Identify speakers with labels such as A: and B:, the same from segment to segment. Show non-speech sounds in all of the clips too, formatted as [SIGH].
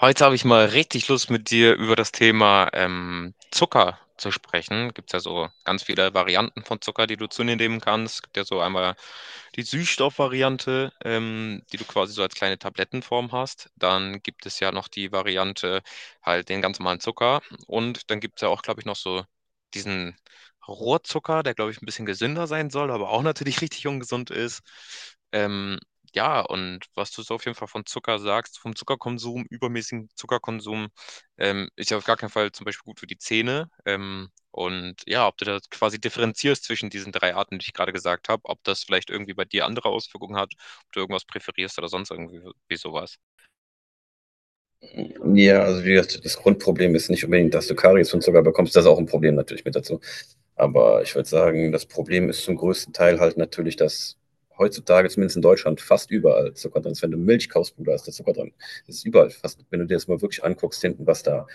A: Heute habe ich mal richtig Lust, mit dir über das Thema Zucker zu sprechen. Gibt es ja so ganz viele Varianten von Zucker, die du zu dir nehmen kannst. Gibt ja so einmal die Süßstoffvariante, die du quasi so als kleine Tablettenform hast. Dann gibt es ja noch die Variante, halt den ganz normalen Zucker. Und dann gibt es ja auch, glaube ich, noch so diesen Rohrzucker, der, glaube ich, ein bisschen gesünder sein soll, aber auch natürlich [LAUGHS] richtig ungesund ist. Ähm, ja, und was du so auf jeden Fall von Zucker sagst, vom Zuckerkonsum, übermäßigen Zuckerkonsum, ist ja auf gar keinen Fall zum Beispiel gut für die Zähne. Und ja, ob du da quasi differenzierst zwischen diesen drei Arten, die ich gerade gesagt habe, ob das vielleicht irgendwie bei dir andere Auswirkungen hat, ob du irgendwas präferierst oder sonst irgendwie so, wie sowas.
B: Ja, also wie gesagt, das Grundproblem ist nicht unbedingt, dass du Karies und Zucker bekommst. Das ist auch ein Problem natürlich mit dazu. Aber ich würde sagen, das Problem ist zum größten Teil halt natürlich, dass heutzutage, zumindest in Deutschland, fast überall Zucker drin ist. Wenn du Milch kaufst, Bruder, ist der Zucker drin. Das ist überall fast, wenn du dir das mal wirklich anguckst, hinten, was da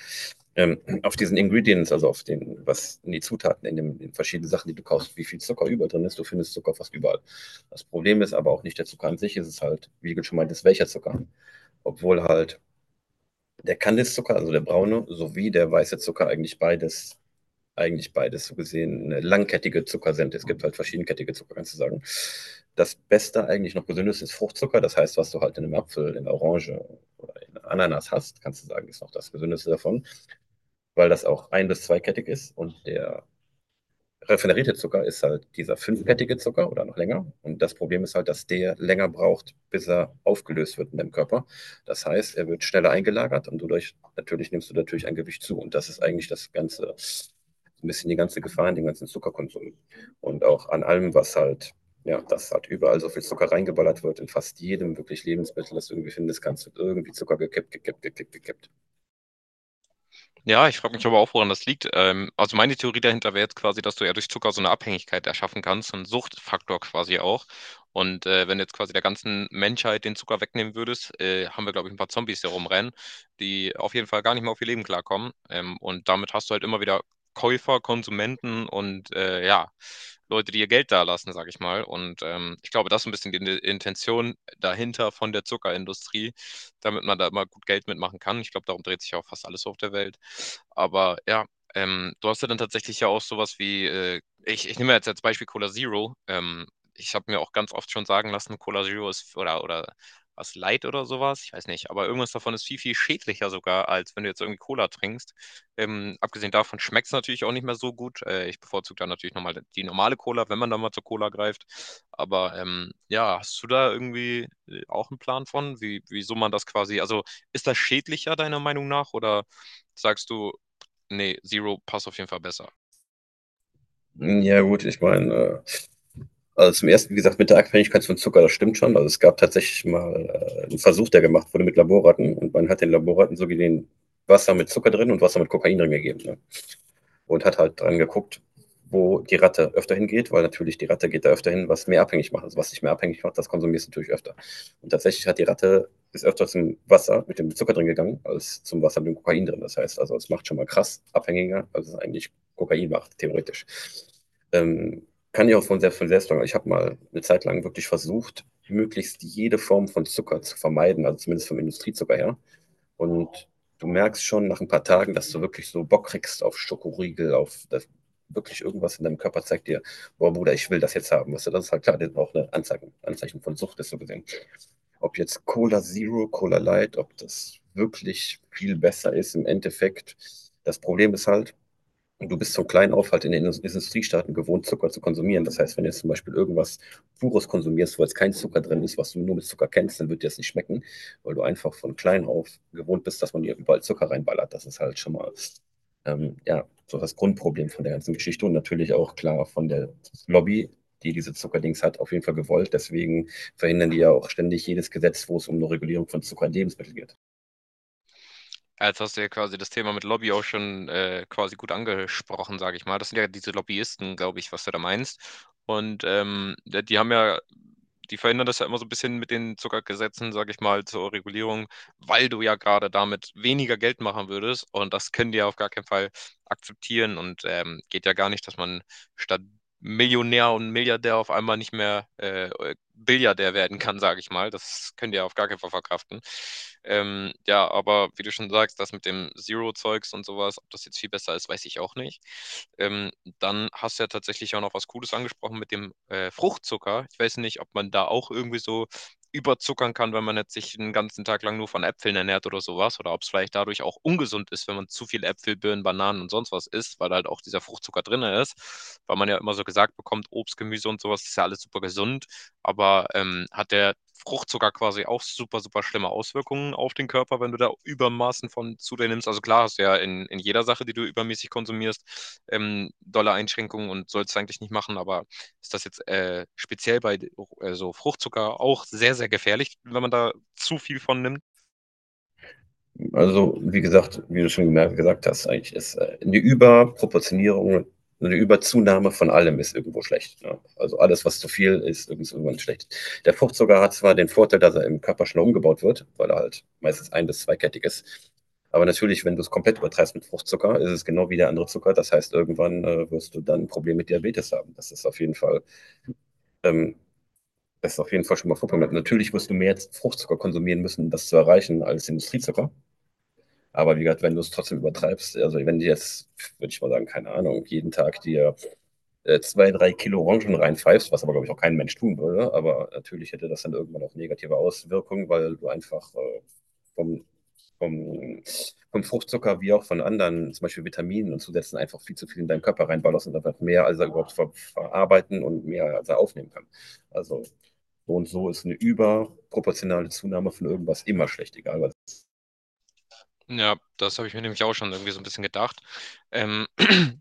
B: auf diesen Ingredients, also auf den, was in die Zutaten, in den in verschiedenen Sachen, die du kaufst, wie viel Zucker über drin ist, du findest Zucker fast überall. Das Problem ist aber auch nicht der Zucker an sich, es ist halt, wie du schon meintest, welcher Zucker. Obwohl halt der Kandiszucker, also der braune, sowie der weiße Zucker, eigentlich beides, so gesehen, eine langkettige Zuckersente. Es gibt halt verschiedenkettige Zucker, kannst du sagen. Das Beste, eigentlich noch gesündeste, ist Fruchtzucker. Das heißt, was du halt in einem Apfel, in einer Orange, in einer Ananas hast, kannst du sagen, ist noch das gesündeste davon, weil das auch ein- bis zweikettig ist und der Raffinerierte Zucker ist halt dieser fünfkettige Zucker oder noch länger. Und das Problem ist halt, dass der länger braucht, bis er aufgelöst wird in dem Körper. Das heißt, er wird schneller eingelagert und dadurch natürlich nimmst du natürlich ein Gewicht zu. Und das ist eigentlich das ganze, so ein bisschen die ganze Gefahr in dem ganzen Zuckerkonsum. Und auch an allem, was halt, ja, dass halt überall so viel Zucker reingeballert wird, in fast jedem wirklich Lebensmittel, das du irgendwie findest, kannst du irgendwie Zucker gekippt, gekippt, gekippt, gekippt.
A: Ja, ich frage mich aber auch, woran das liegt. Also meine Theorie dahinter wäre jetzt quasi, dass du ja durch Zucker so eine Abhängigkeit erschaffen kannst, so einen Suchtfaktor quasi auch. Und wenn du jetzt quasi der ganzen Menschheit den Zucker wegnehmen würdest, haben wir, glaube ich, ein paar Zombies, die rumrennen, die auf jeden Fall gar nicht mehr auf ihr Leben klarkommen. Und damit hast du halt immer wieder Käufer, Konsumenten und ja, Leute, die ihr Geld da lassen, sage ich mal. Und ich glaube, das ist ein bisschen die Intention dahinter von der Zuckerindustrie damit man da immer gut Geld mitmachen kann. Ich glaube, darum dreht sich ja auch fast alles auf der Welt. Aber ja, du hast ja dann tatsächlich ja auch sowas wie, ich, ich nehme jetzt als Beispiel Cola Zero. Ich habe mir auch ganz oft schon sagen lassen, Cola Zero ist oder was Light oder sowas, ich weiß nicht, aber irgendwas davon ist viel, viel schädlicher sogar, als wenn du jetzt irgendwie Cola trinkst. Abgesehen davon schmeckt es natürlich auch nicht mehr so gut. Ich bevorzuge dann natürlich nochmal die normale Cola, wenn man da mal zur Cola greift. Aber ja, hast du da irgendwie auch einen Plan von, wie, wieso man das quasi, also ist das schädlicher deiner Meinung nach oder sagst du, nee, Zero passt auf jeden Fall besser?
B: Ja, gut, ich meine, also zum ersten, wie gesagt, mit der Abhängigkeit von Zucker, das stimmt schon. Also es gab tatsächlich mal einen Versuch, der gemacht wurde mit Laborratten und man hat den Laborratten so gesehen Wasser mit Zucker drin und Wasser mit Kokain drin gegeben. Ne? Und hat halt dran geguckt, wo die Ratte öfter hingeht, weil natürlich die Ratte geht da öfter hin, was mehr abhängig macht. Also was dich mehr abhängig macht, das konsumierst du natürlich öfter. Und tatsächlich hat die Ratte ist öfter zum Wasser mit dem Zucker drin gegangen, als zum Wasser mit dem Kokain drin. Das heißt, also es macht schon mal krass abhängiger, als es eigentlich Kokain macht, theoretisch. Kann ich auch von selbst sagen. Ich habe mal eine Zeit lang wirklich versucht, möglichst jede Form von Zucker zu vermeiden, also zumindest vom Industriezucker her. Und du merkst schon nach ein paar Tagen, dass du wirklich so Bock kriegst auf Schokoriegel, auf das, wirklich irgendwas in deinem Körper zeigt dir, boah Bruder, ich will das jetzt haben. Weißt du, das ist halt klar, das ist auch ein Anzeichen, von Sucht, ist so gesehen. Ob jetzt Cola Zero, Cola Light, ob das wirklich viel besser ist im Endeffekt. Das Problem ist halt, und du bist so klein auf halt in den Industriestaaten gewohnt, Zucker zu konsumieren. Das heißt, wenn du jetzt zum Beispiel irgendwas Pures konsumierst, wo jetzt kein Zucker drin ist, was du nur mit Zucker kennst, dann wird dir das nicht schmecken, weil du einfach von klein auf gewohnt bist, dass man dir überall Zucker reinballert. Das ist halt schon mal, ja, so das Grundproblem von der ganzen Geschichte und natürlich auch klar von der Lobby, die diese Zuckerdings hat, auf jeden Fall gewollt. Deswegen verhindern die ja auch ständig jedes Gesetz, wo es um eine Regulierung von Zucker in Lebensmitteln geht.
A: Jetzt hast du ja quasi das Thema mit Lobby auch schon quasi gut angesprochen, sage ich mal. Das sind ja diese Lobbyisten, glaube ich, was du da meinst. Und die haben ja, die verhindern das ja immer so ein bisschen mit den Zuckergesetzen, sage ich mal, zur Regulierung, weil du ja gerade damit weniger Geld machen würdest. Und das können die ja auf gar keinen Fall akzeptieren und geht ja gar nicht, dass man statt Millionär und Milliardär auf einmal nicht mehr Billiardär werden kann, sage ich mal. Das könnt ihr auf gar keinen Fall verkraften. Ja, aber wie du schon sagst, das mit dem Zero-Zeugs und sowas, ob das jetzt viel besser ist, weiß ich auch nicht. Ähm, Dann hast du ja tatsächlich auch noch was Cooles angesprochen mit dem Fruchtzucker. Ich weiß nicht, ob man da auch irgendwie so überzuckern kann, wenn man jetzt sich den ganzen Tag lang nur von Äpfeln ernährt oder sowas, oder ob es vielleicht dadurch auch ungesund ist, wenn man zu viel Äpfel, Birnen, Bananen und sonst was isst, weil halt auch dieser Fruchtzucker drin ist, weil man ja immer so gesagt bekommt, Obst, Gemüse und sowas ist ja alles super gesund, aber hat der Fruchtzucker quasi auch super, super schlimme Auswirkungen auf den Körper, wenn du da Übermaßen von zu dir nimmst. Also klar hast du ja in jeder Sache, die du übermäßig konsumierst, dolle Einschränkungen und sollst eigentlich nicht machen, aber ist das jetzt speziell bei so Fruchtzucker auch sehr, sehr gefährlich, wenn man da zu viel von nimmt.
B: Also, wie gesagt, wie du schon gesagt hast, eigentlich ist eine Überproportionierung, eine Überzunahme von allem ist irgendwo schlecht. Ne? Also alles, was zu viel ist, ist irgendwann schlecht. Der Fruchtzucker hat zwar den Vorteil, dass er im Körper schnell umgebaut wird, weil er halt meistens ein- bis zweikettig ist. Aber natürlich, wenn du es komplett übertreibst mit Fruchtzucker, ist es genau wie der andere Zucker. Das heißt, irgendwann wirst du dann ein Problem mit Diabetes haben. Das ist auf jeden Fall ähm, das ist auf jeden Fall schon mal Fruchtzucker. Natürlich wirst du mehr Fruchtzucker konsumieren müssen, um das zu erreichen, als Industriezucker. Aber wie gesagt, wenn du es trotzdem übertreibst, also wenn du jetzt, würde ich mal sagen, keine Ahnung, jeden Tag dir zwei, drei Kilo Orangen reinpfeifst, was aber, glaube ich, auch kein Mensch tun würde, aber natürlich hätte das dann irgendwann auch negative Auswirkungen, weil du einfach vom, vom, vom Fruchtzucker wie auch von anderen, zum Beispiel Vitaminen und Zusätzen, einfach viel zu viel in deinen Körper reinballerst und einfach mehr, als er überhaupt verarbeiten und mehr, als er aufnehmen kann. Also so und so ist eine überproportionale Zunahme von irgendwas immer schlecht, egal was.
A: Ja, das habe ich mir nämlich auch schon irgendwie so ein bisschen gedacht. Ähm,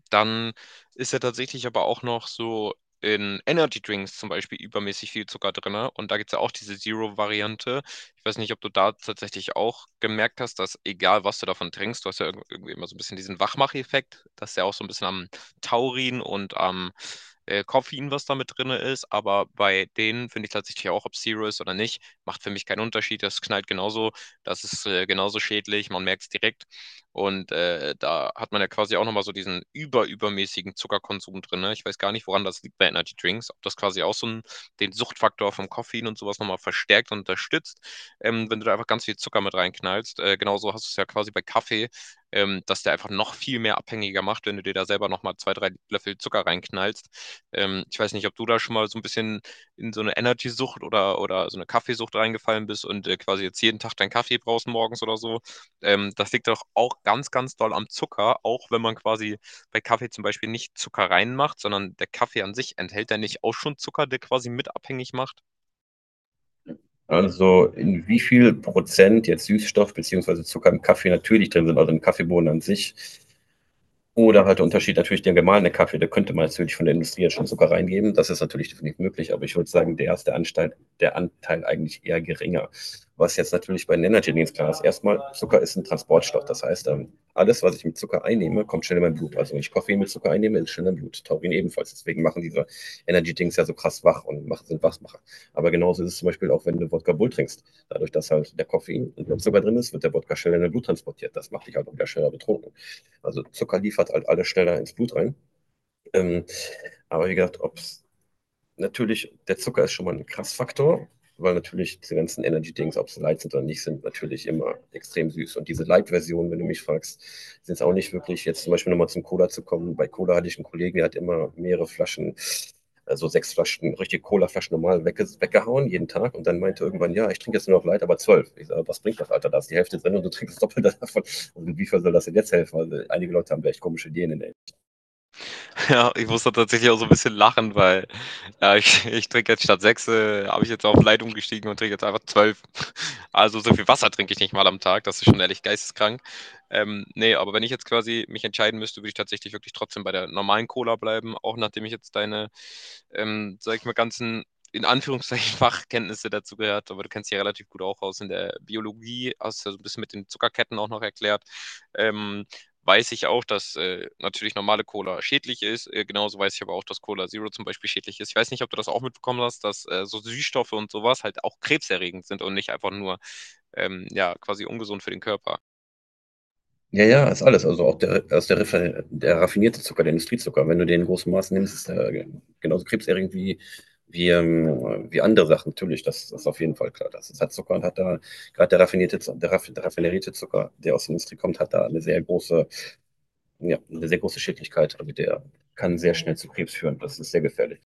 A: Dann ist ja tatsächlich aber auch noch so in Energy Drinks zum Beispiel übermäßig viel Zucker drin. Und da gibt es ja auch diese Zero-Variante. Ich weiß nicht, ob du da tatsächlich auch gemerkt hast, dass egal was du davon trinkst, du hast ja irgendwie immer so ein bisschen diesen Wachmacheffekt. Das ist ja auch so ein bisschen am Taurin und am Koffein, was da mit drin ist. Aber bei denen finde ich tatsächlich auch, ob Zero ist oder nicht, macht für mich keinen Unterschied. Das knallt genauso, das ist genauso schädlich. Man merkt es direkt. Und da hat man ja quasi auch nochmal so diesen überübermäßigen Zuckerkonsum drin. Ne? Ich weiß gar nicht, woran das liegt bei Energy Drinks, ob das quasi auch so ein, den Suchtfaktor vom Koffein und sowas nochmal verstärkt und unterstützt, wenn du da einfach ganz viel Zucker mit reinknallst. Genauso hast du es ja quasi bei Kaffee, dass der einfach noch viel mehr abhängiger macht, wenn du dir da selber nochmal zwei, drei Löffel Zucker reinknallst. Ich weiß nicht, ob du da schon mal so ein bisschen in so eine Energy-Sucht oder so eine Kaffeesucht reingefallen bist und quasi jetzt jeden Tag deinen Kaffee brauchst morgens oder so, das liegt doch auch ganz, ganz doll am Zucker, auch wenn man quasi bei Kaffee zum Beispiel nicht Zucker reinmacht, sondern der Kaffee an sich enthält ja nicht auch schon Zucker, der quasi mit abhängig macht.
B: Also in wie viel Prozent jetzt Süßstoff beziehungsweise Zucker im Kaffee natürlich drin sind, also im Kaffeebohnen an sich, oder halt der Unterschied natürlich der gemahlene Kaffee, da könnte man natürlich von der Industrie jetzt schon Zucker reingeben. Das ist natürlich definitiv möglich, aber ich würde sagen, der ist der Anteil eigentlich eher geringer. Was jetzt natürlich bei den Energy Drinks klar ist, erstmal, Zucker ist ein Transportstoff. Das heißt, alles, was ich mit Zucker einnehme, kommt schnell in mein Blut. Also wenn ich Koffein mit Zucker einnehme, ist schnell im Blut. Taurin ebenfalls. Deswegen machen diese Energy Drinks ja so krass wach und sind Wachmacher. Aber genauso ist es zum Beispiel auch, wenn du Wodka Bull trinkst. Dadurch, dass halt der Koffein und der Zucker drin ist, wird der Wodka schnell in dein Blut transportiert. Das macht dich halt auch wieder schneller betrunken. Also Zucker liefert halt alles schneller ins Blut rein. Ähm, aber wie gesagt, ob es natürlich, der Zucker ist schon mal ein Krassfaktor, weil natürlich diese ganzen Energy-Dings, ob sie light sind oder nicht, sind natürlich immer extrem süß. Und diese Light-Version, wenn du mich fragst, sind es auch nicht wirklich, jetzt zum Beispiel nochmal zum Cola zu kommen. Bei Cola hatte ich einen Kollegen, der hat immer mehrere Flaschen, also sechs Flaschen, richtige Cola-Flaschen normal weggehauen jeden Tag. Und dann meinte irgendwann, ja, ich trinke jetzt nur noch Light, aber zwölf. Ich sage, was bringt das, Alter? Da ist die Hälfte drin und du trinkst das Doppelte [LAUGHS] davon. Und inwiefern soll das denn jetzt helfen? Also einige Leute haben da echt komische Ideen in der.
A: [LAUGHS] Ja, ich musste tatsächlich auch so ein bisschen lachen, weil, ich ich trinke jetzt statt 6 habe ich jetzt auf light umgestiegen und trinke jetzt einfach 12. Also, so viel Wasser trinke ich nicht mal am Tag, das ist schon ehrlich geisteskrank. Ne, aber wenn ich jetzt quasi mich entscheiden müsste, würde ich tatsächlich wirklich trotzdem bei der normalen Cola bleiben, auch nachdem ich jetzt deine, sage ich mal, ganzen, in Anführungszeichen, [LAUGHS] Fachkenntnisse dazu gehört, aber du kennst dich ja relativ gut auch aus in der Biologie, hast ja so ein bisschen mit den Zuckerketten auch noch erklärt. Ähm weiß ich auch, dass natürlich normale Cola schädlich ist. Genauso weiß ich aber auch, dass Cola Zero zum Beispiel schädlich ist. Ich weiß nicht, ob du das auch mitbekommen hast, dass so Süßstoffe und sowas halt auch krebserregend sind und nicht einfach nur ja, quasi ungesund für den Körper.
B: Ja, ja, ist alles. Also auch der, aus der, der raffinierte Zucker, der Industriezucker. Wenn du den in großem Maß nimmst, ist der genauso krebserregend wie, wie andere Sachen. Natürlich, das, das ist auf jeden Fall klar. Das, das hat Zucker und hat da, gerade der raffinierte, der, der raffinerierte Zucker, der aus der Industrie kommt, hat da eine sehr große, ja, eine sehr große Schädlichkeit. Also der kann sehr schnell zu Krebs führen. Das ist sehr gefährlich.